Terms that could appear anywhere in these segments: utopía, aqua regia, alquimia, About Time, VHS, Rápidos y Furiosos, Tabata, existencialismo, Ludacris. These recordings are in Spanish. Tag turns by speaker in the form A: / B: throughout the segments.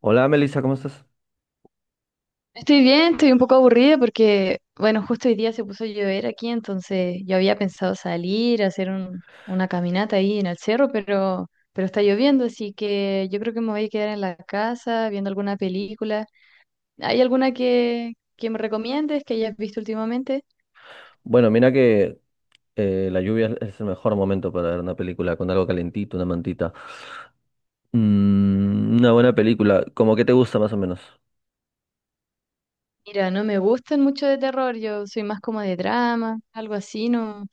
A: Hola Melissa, ¿cómo estás?
B: Estoy bien, estoy un poco aburrida porque, bueno, justo hoy día se puso a llover aquí, entonces yo había pensado salir a hacer una caminata ahí en el cerro, pero está lloviendo, así que yo creo que me voy a quedar en la casa viendo alguna película. ¿Hay alguna que me recomiendes que hayas visto últimamente?
A: Bueno, mira que la lluvia es el mejor momento para ver una película con algo calentito, una mantita. Mm, una buena película, como que te gusta más o menos.
B: Mira, no me gustan mucho de terror, yo soy más como de drama, algo así, ¿no?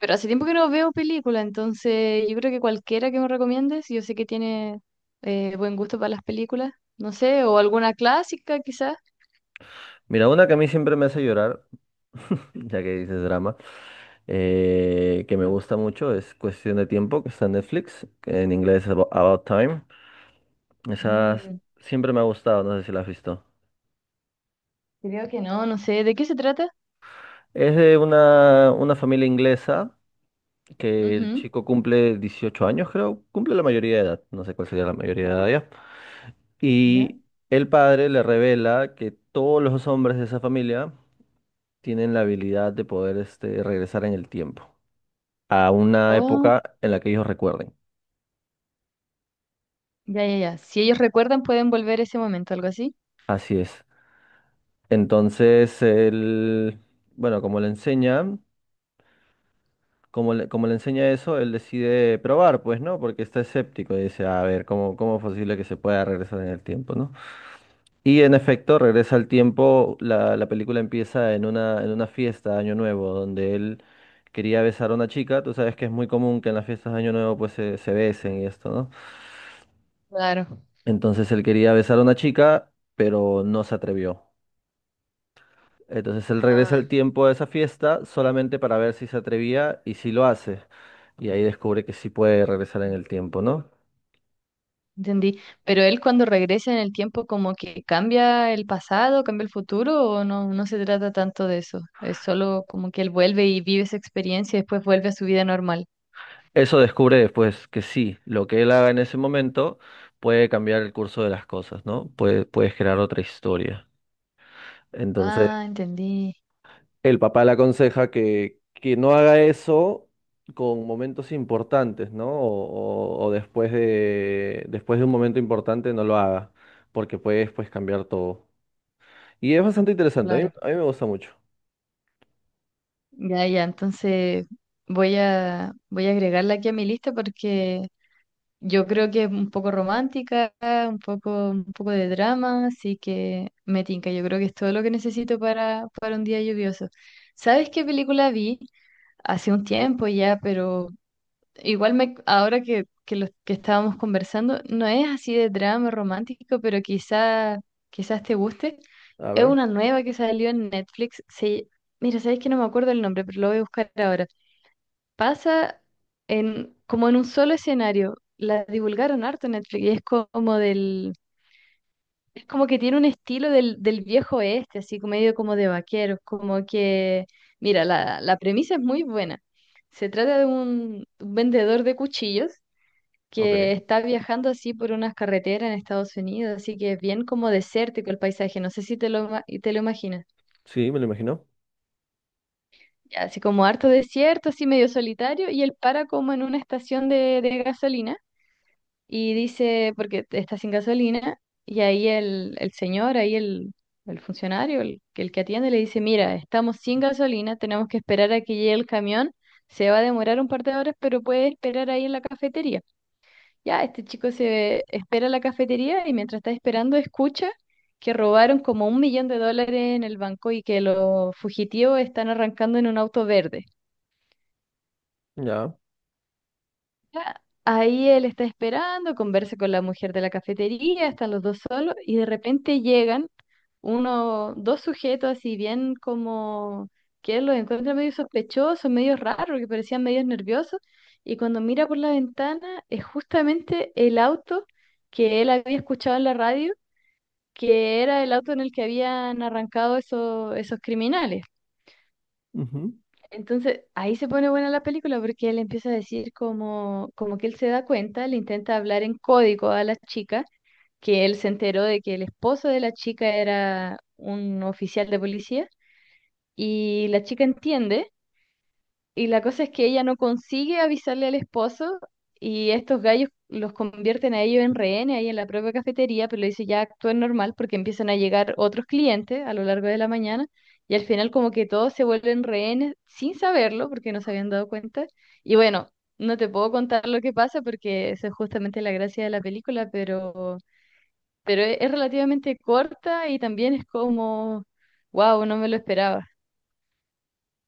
B: Pero hace tiempo que no veo película, entonces yo creo que cualquiera que me recomiendes, yo sé que tiene buen gusto para las películas, no sé, o alguna clásica quizás.
A: Mira, una que a mí siempre me hace llorar, ya que dices drama, que me gusta mucho, es Cuestión de Tiempo, que está en Netflix, que en inglés es About Time. Esa
B: Mm,
A: siempre me ha gustado, no sé si la has visto.
B: Creo que no, no sé, ¿de qué se trata?
A: Es de una familia inglesa que el
B: Ujú.
A: chico cumple 18 años, creo, cumple la mayoría de edad, no sé cuál sería la mayoría de edad ya.
B: ¿Ya?
A: Y el padre le revela que todos los hombres de esa familia tienen la habilidad de poder este, regresar en el tiempo, a una
B: Oh,
A: época en la que ellos recuerden.
B: ya, ya, ya. Si ellos recuerdan, pueden volver a ese momento, algo así.
A: Así es. Entonces, él, bueno, como le enseña, como le enseña eso, él decide probar, pues, ¿no? Porque está escéptico y dice, a ver, ¿cómo es posible que se pueda regresar en el tiempo, ¿no? Y en efecto, regresa al tiempo, la película empieza en en una fiesta de Año Nuevo, donde él quería besar a una chica, tú sabes que es muy común que en las fiestas de Año Nuevo pues se besen y esto, ¿no?
B: Claro.
A: Entonces él quería besar a una chica, pero no se atrevió. Entonces él regresa
B: Ah,
A: al tiempo de esa fiesta solamente para ver si se atrevía y si lo hace. Y ahí descubre que sí puede regresar en el tiempo, ¿no?
B: entendí. Pero él cuando regresa en el tiempo, como que cambia el pasado, cambia el futuro, o no, no se trata tanto de eso. Es solo como que él vuelve y vive esa experiencia y después vuelve a su vida normal.
A: Eso descubre después que sí, lo que él haga en ese momento puede cambiar el curso de las cosas, ¿no? Puede, puedes crear otra historia. Entonces,
B: Ah, entendí.
A: el papá le aconseja que no haga eso con momentos importantes, ¿no? O, o después de un momento importante no lo haga, porque puedes pues, cambiar todo. Y es bastante interesante,
B: Claro.
A: a mí me gusta mucho.
B: Ya, ya. Entonces voy a agregarla aquí a mi lista porque yo creo que es un poco romántica, un poco de drama, así que me tinca. Yo creo que es todo lo que necesito para un día lluvioso. ¿Sabes qué película vi? Hace un tiempo ya, pero igual me, ahora que lo que estábamos conversando, no es así de drama romántico, pero quizás te guste.
A: A
B: Es
A: ver,
B: una nueva que salió en Netflix. Mira, sabes que no me acuerdo el nombre, pero lo voy a buscar ahora. Pasa como en un solo escenario. La divulgaron harto en Netflix y como del, es como que tiene un estilo del viejo oeste, así como medio como de vaqueros, como que, mira, la premisa es muy buena. Se trata de un vendedor de cuchillos que
A: ok.
B: está viajando así por unas carreteras en Estados Unidos, así que es bien como desértico el paisaje, no sé si y te lo imaginas.
A: Sí, me lo imagino.
B: Ya, así como harto desierto, así medio solitario, y él para como en una estación de gasolina y dice, porque está sin gasolina, y ahí el señor, ahí el funcionario, el que atiende, le dice, mira, estamos sin gasolina, tenemos que esperar a que llegue el camión, se va a demorar un par de horas, pero puede esperar ahí en la cafetería. Ya, este chico se espera en la cafetería y mientras está esperando escucha que robaron como un millón de dólares en el banco y que los fugitivos están arrancando en un auto verde.
A: Ya.
B: Ya, ahí él está esperando, conversa con la mujer de la cafetería, están los dos solos y de repente llegan uno, dos sujetos así bien como que él los encuentra medio sospechosos, medio raros, que parecían medio nerviosos y cuando mira por la ventana es justamente el auto que él había escuchado en la radio que era el auto en el que habían arrancado esos criminales. Entonces, ahí se pone buena la película porque él empieza a decir como que él se da cuenta, le intenta hablar en código a la chica, que él se enteró de que el esposo de la chica era un oficial de policía, y la chica entiende. Y la cosa es que ella no consigue avisarle al esposo y estos gallos los convierten a ellos en rehenes ahí en la propia cafetería, pero le dice ya actúen normal porque empiezan a llegar otros clientes a lo largo de la mañana y al final como que todos se vuelven rehenes sin saberlo porque no se habían dado cuenta. Y bueno, no te puedo contar lo que pasa porque eso es justamente la gracia de la película, pero es relativamente corta y también es como, wow, no me lo esperaba.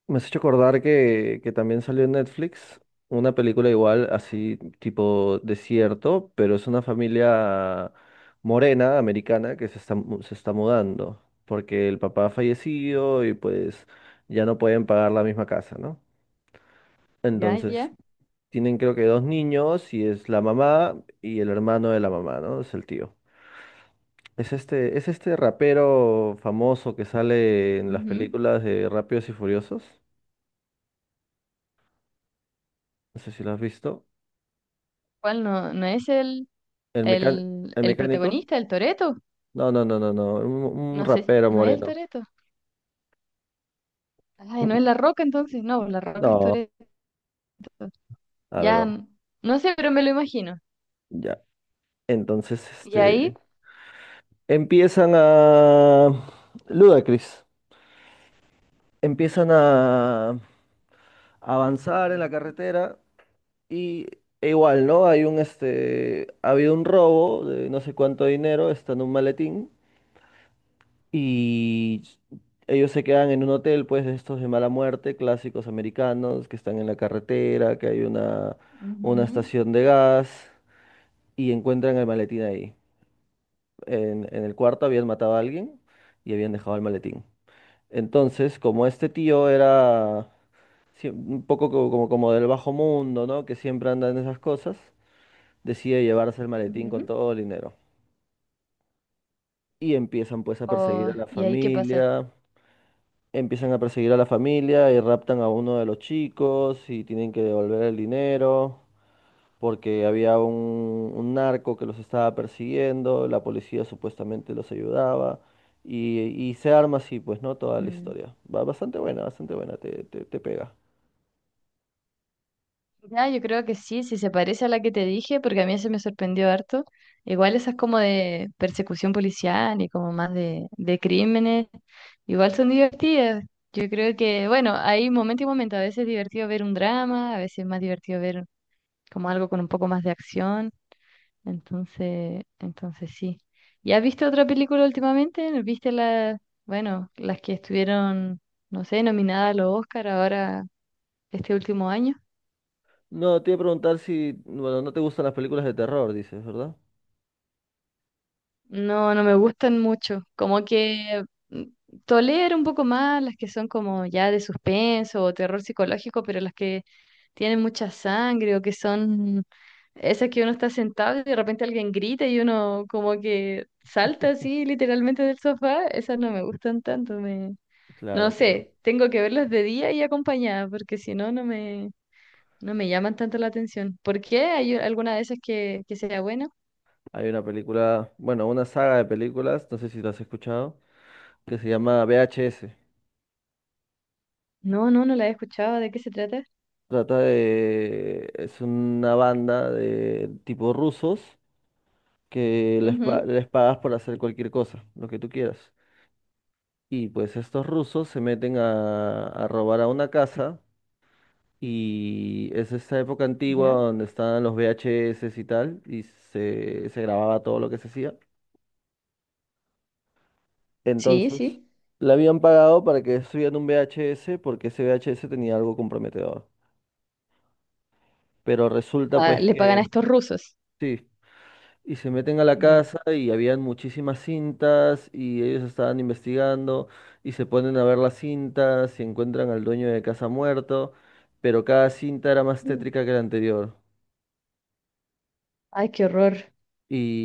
A: Me has hecho acordar que también salió en Netflix una película igual, así tipo desierto, pero es una familia morena, americana, que se está, se está mudando, porque el papá ha fallecido y pues ya no pueden pagar la misma casa, ¿no?
B: Ya, ya.
A: Entonces, tienen creo que dos niños y es la mamá y el hermano de la mamá, ¿no? Es el tío. Es este rapero famoso que sale en las
B: Ujú.
A: películas de Rápidos y Furiosos. No sé si lo has visto.
B: ¿Cuál? No es el...
A: ¿El mecán-
B: El,
A: ¿El
B: el
A: mecánico?
B: protagonista, el Toreto.
A: No, no, no, no, no. Un
B: No sé,
A: rapero
B: no es el
A: moreno.
B: Toreto. Ay, no es La Roca entonces. No, La Roca es
A: No,
B: Toreto.
A: a ver,
B: Ya,
A: vamos.
B: no sé, pero me lo imagino.
A: Ya. Entonces,
B: ¿Y ahí?
A: este. Empiezan a. Ludacris. Empiezan a avanzar en la carretera y e igual, ¿no? Hay un este. Ha habido un robo de no sé cuánto dinero, está en un maletín. Y ellos se quedan en un hotel, pues, de estos de mala muerte, clásicos americanos, que están en la carretera, que hay una
B: Ujú.
A: estación de gas, y encuentran el maletín ahí. En el cuarto habían matado a alguien y habían dejado el maletín. Entonces, como este tío era un poco como, como del bajo mundo, ¿no? Que siempre anda en esas cosas, decide llevarse el maletín con
B: Ujú.
A: todo el dinero. Y empiezan pues a perseguir a
B: Oh,
A: la
B: ¿y ahí qué pasa?
A: familia. Empiezan a perseguir a la familia y raptan a uno de los chicos y tienen que devolver el dinero porque había un narco que los estaba persiguiendo, la policía supuestamente los ayudaba y se arma así, pues, ¿no? Toda la
B: Ujú.
A: historia. Va bastante buena, te pega.
B: Ya, yo creo que sí, si se parece a la que te dije, porque a mí se me sorprendió harto. Igual esas como de persecución policial y como más de crímenes, igual son divertidas. Yo creo que, bueno, hay momento y momento. A veces es divertido ver un drama, a veces es más divertido ver como algo con un poco más de acción. Entonces sí. ¿Y has visto otra película últimamente? ¿No? ¿Viste las, bueno, las que estuvieron, no sé, nominadas a los Oscar ahora este último año?
A: No, te iba a preguntar si, bueno, no te gustan las películas de terror, dices, ¿verdad?
B: No, no me gustan mucho. Como que mm, tolero un poco más las que son como ya de suspenso o terror psicológico, pero las que tienen mucha sangre o que son esas que uno está sentado y de repente alguien grita y uno como que salta así literalmente del sofá, esas no me gustan tanto. No
A: Claro, claro.
B: sé, tengo que verlas de día y acompañada porque si no, no me llaman tanto la atención. ¿Por qué? ¿Hay alguna de esas que sea buena?
A: Hay una película, bueno, una saga de películas, no sé si las has escuchado, que se llama VHS.
B: No, no, no la he escuchado. ¿De qué se trata?
A: Trata de... Es una banda de tipo rusos que les,
B: Ujú.
A: les pagas por hacer cualquier cosa, lo que tú quieras. Y pues estos rusos se meten a robar a una casa y es esta época antigua
B: ¿Ya?
A: donde estaban los VHS y tal y se grababa todo lo que se hacía.
B: Sí,
A: Entonces,
B: sí.
A: le habían pagado para que subieran un VHS porque ese VHS tenía algo comprometedor. Pero resulta
B: Ah,
A: pues
B: le pagan a
A: que...
B: estos rusos.
A: Sí. Y se meten a la
B: Ya.
A: casa y habían muchísimas cintas y ellos estaban investigando y se ponen a ver las cintas y encuentran al dueño de casa muerto, pero cada cinta era más
B: Mm.
A: tétrica que la anterior.
B: Ay, qué horror.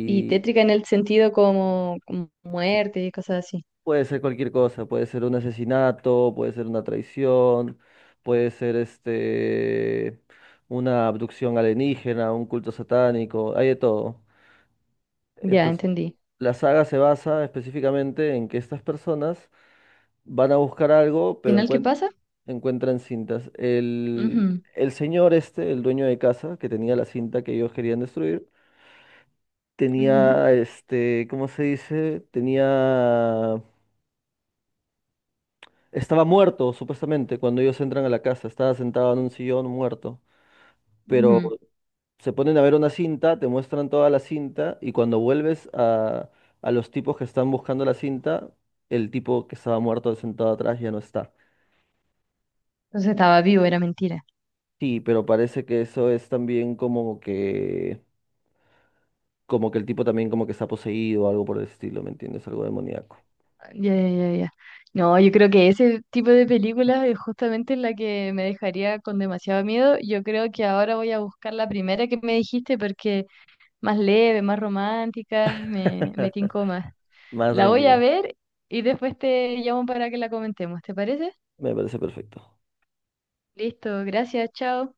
B: Y tétrica en el sentido como muerte y cosas así.
A: puede ser cualquier cosa, puede ser un asesinato, puede ser una traición, puede ser este una abducción alienígena, un culto satánico, hay de todo.
B: Ya,
A: Entonces,
B: entendí.
A: la saga se basa específicamente en que estas personas van a buscar algo, pero
B: ¿Final qué pasa?
A: encuentran cintas.
B: Ujú,
A: El señor este, el dueño de casa, que tenía la cinta que ellos querían destruir,
B: ujú.
A: tenía, este, ¿cómo se dice? Tenía... Estaba muerto, supuestamente, cuando ellos entran a la casa. Estaba sentado en un sillón muerto. Pero
B: Ujú.
A: se ponen a ver una cinta, te muestran toda la cinta, y cuando vuelves a los tipos que están buscando la cinta, el tipo que estaba muerto sentado atrás ya no está.
B: Entonces estaba vivo, era mentira.
A: Sí, pero parece que eso es también como que el tipo también como que está poseído o algo por el estilo, ¿me entiendes? Algo demoníaco.
B: Ya, ya, ya, ya. No, yo creo que ese tipo de películas es justamente la que me dejaría con demasiado miedo. Yo creo que ahora voy a buscar la primera que me dijiste porque más leve, más romántica, me tincó más.
A: Más
B: La voy a
A: tranquila.
B: ver y después te llamo para que la comentemos, ¿te parece?
A: Me parece perfecto.
B: Listo, gracias, chao.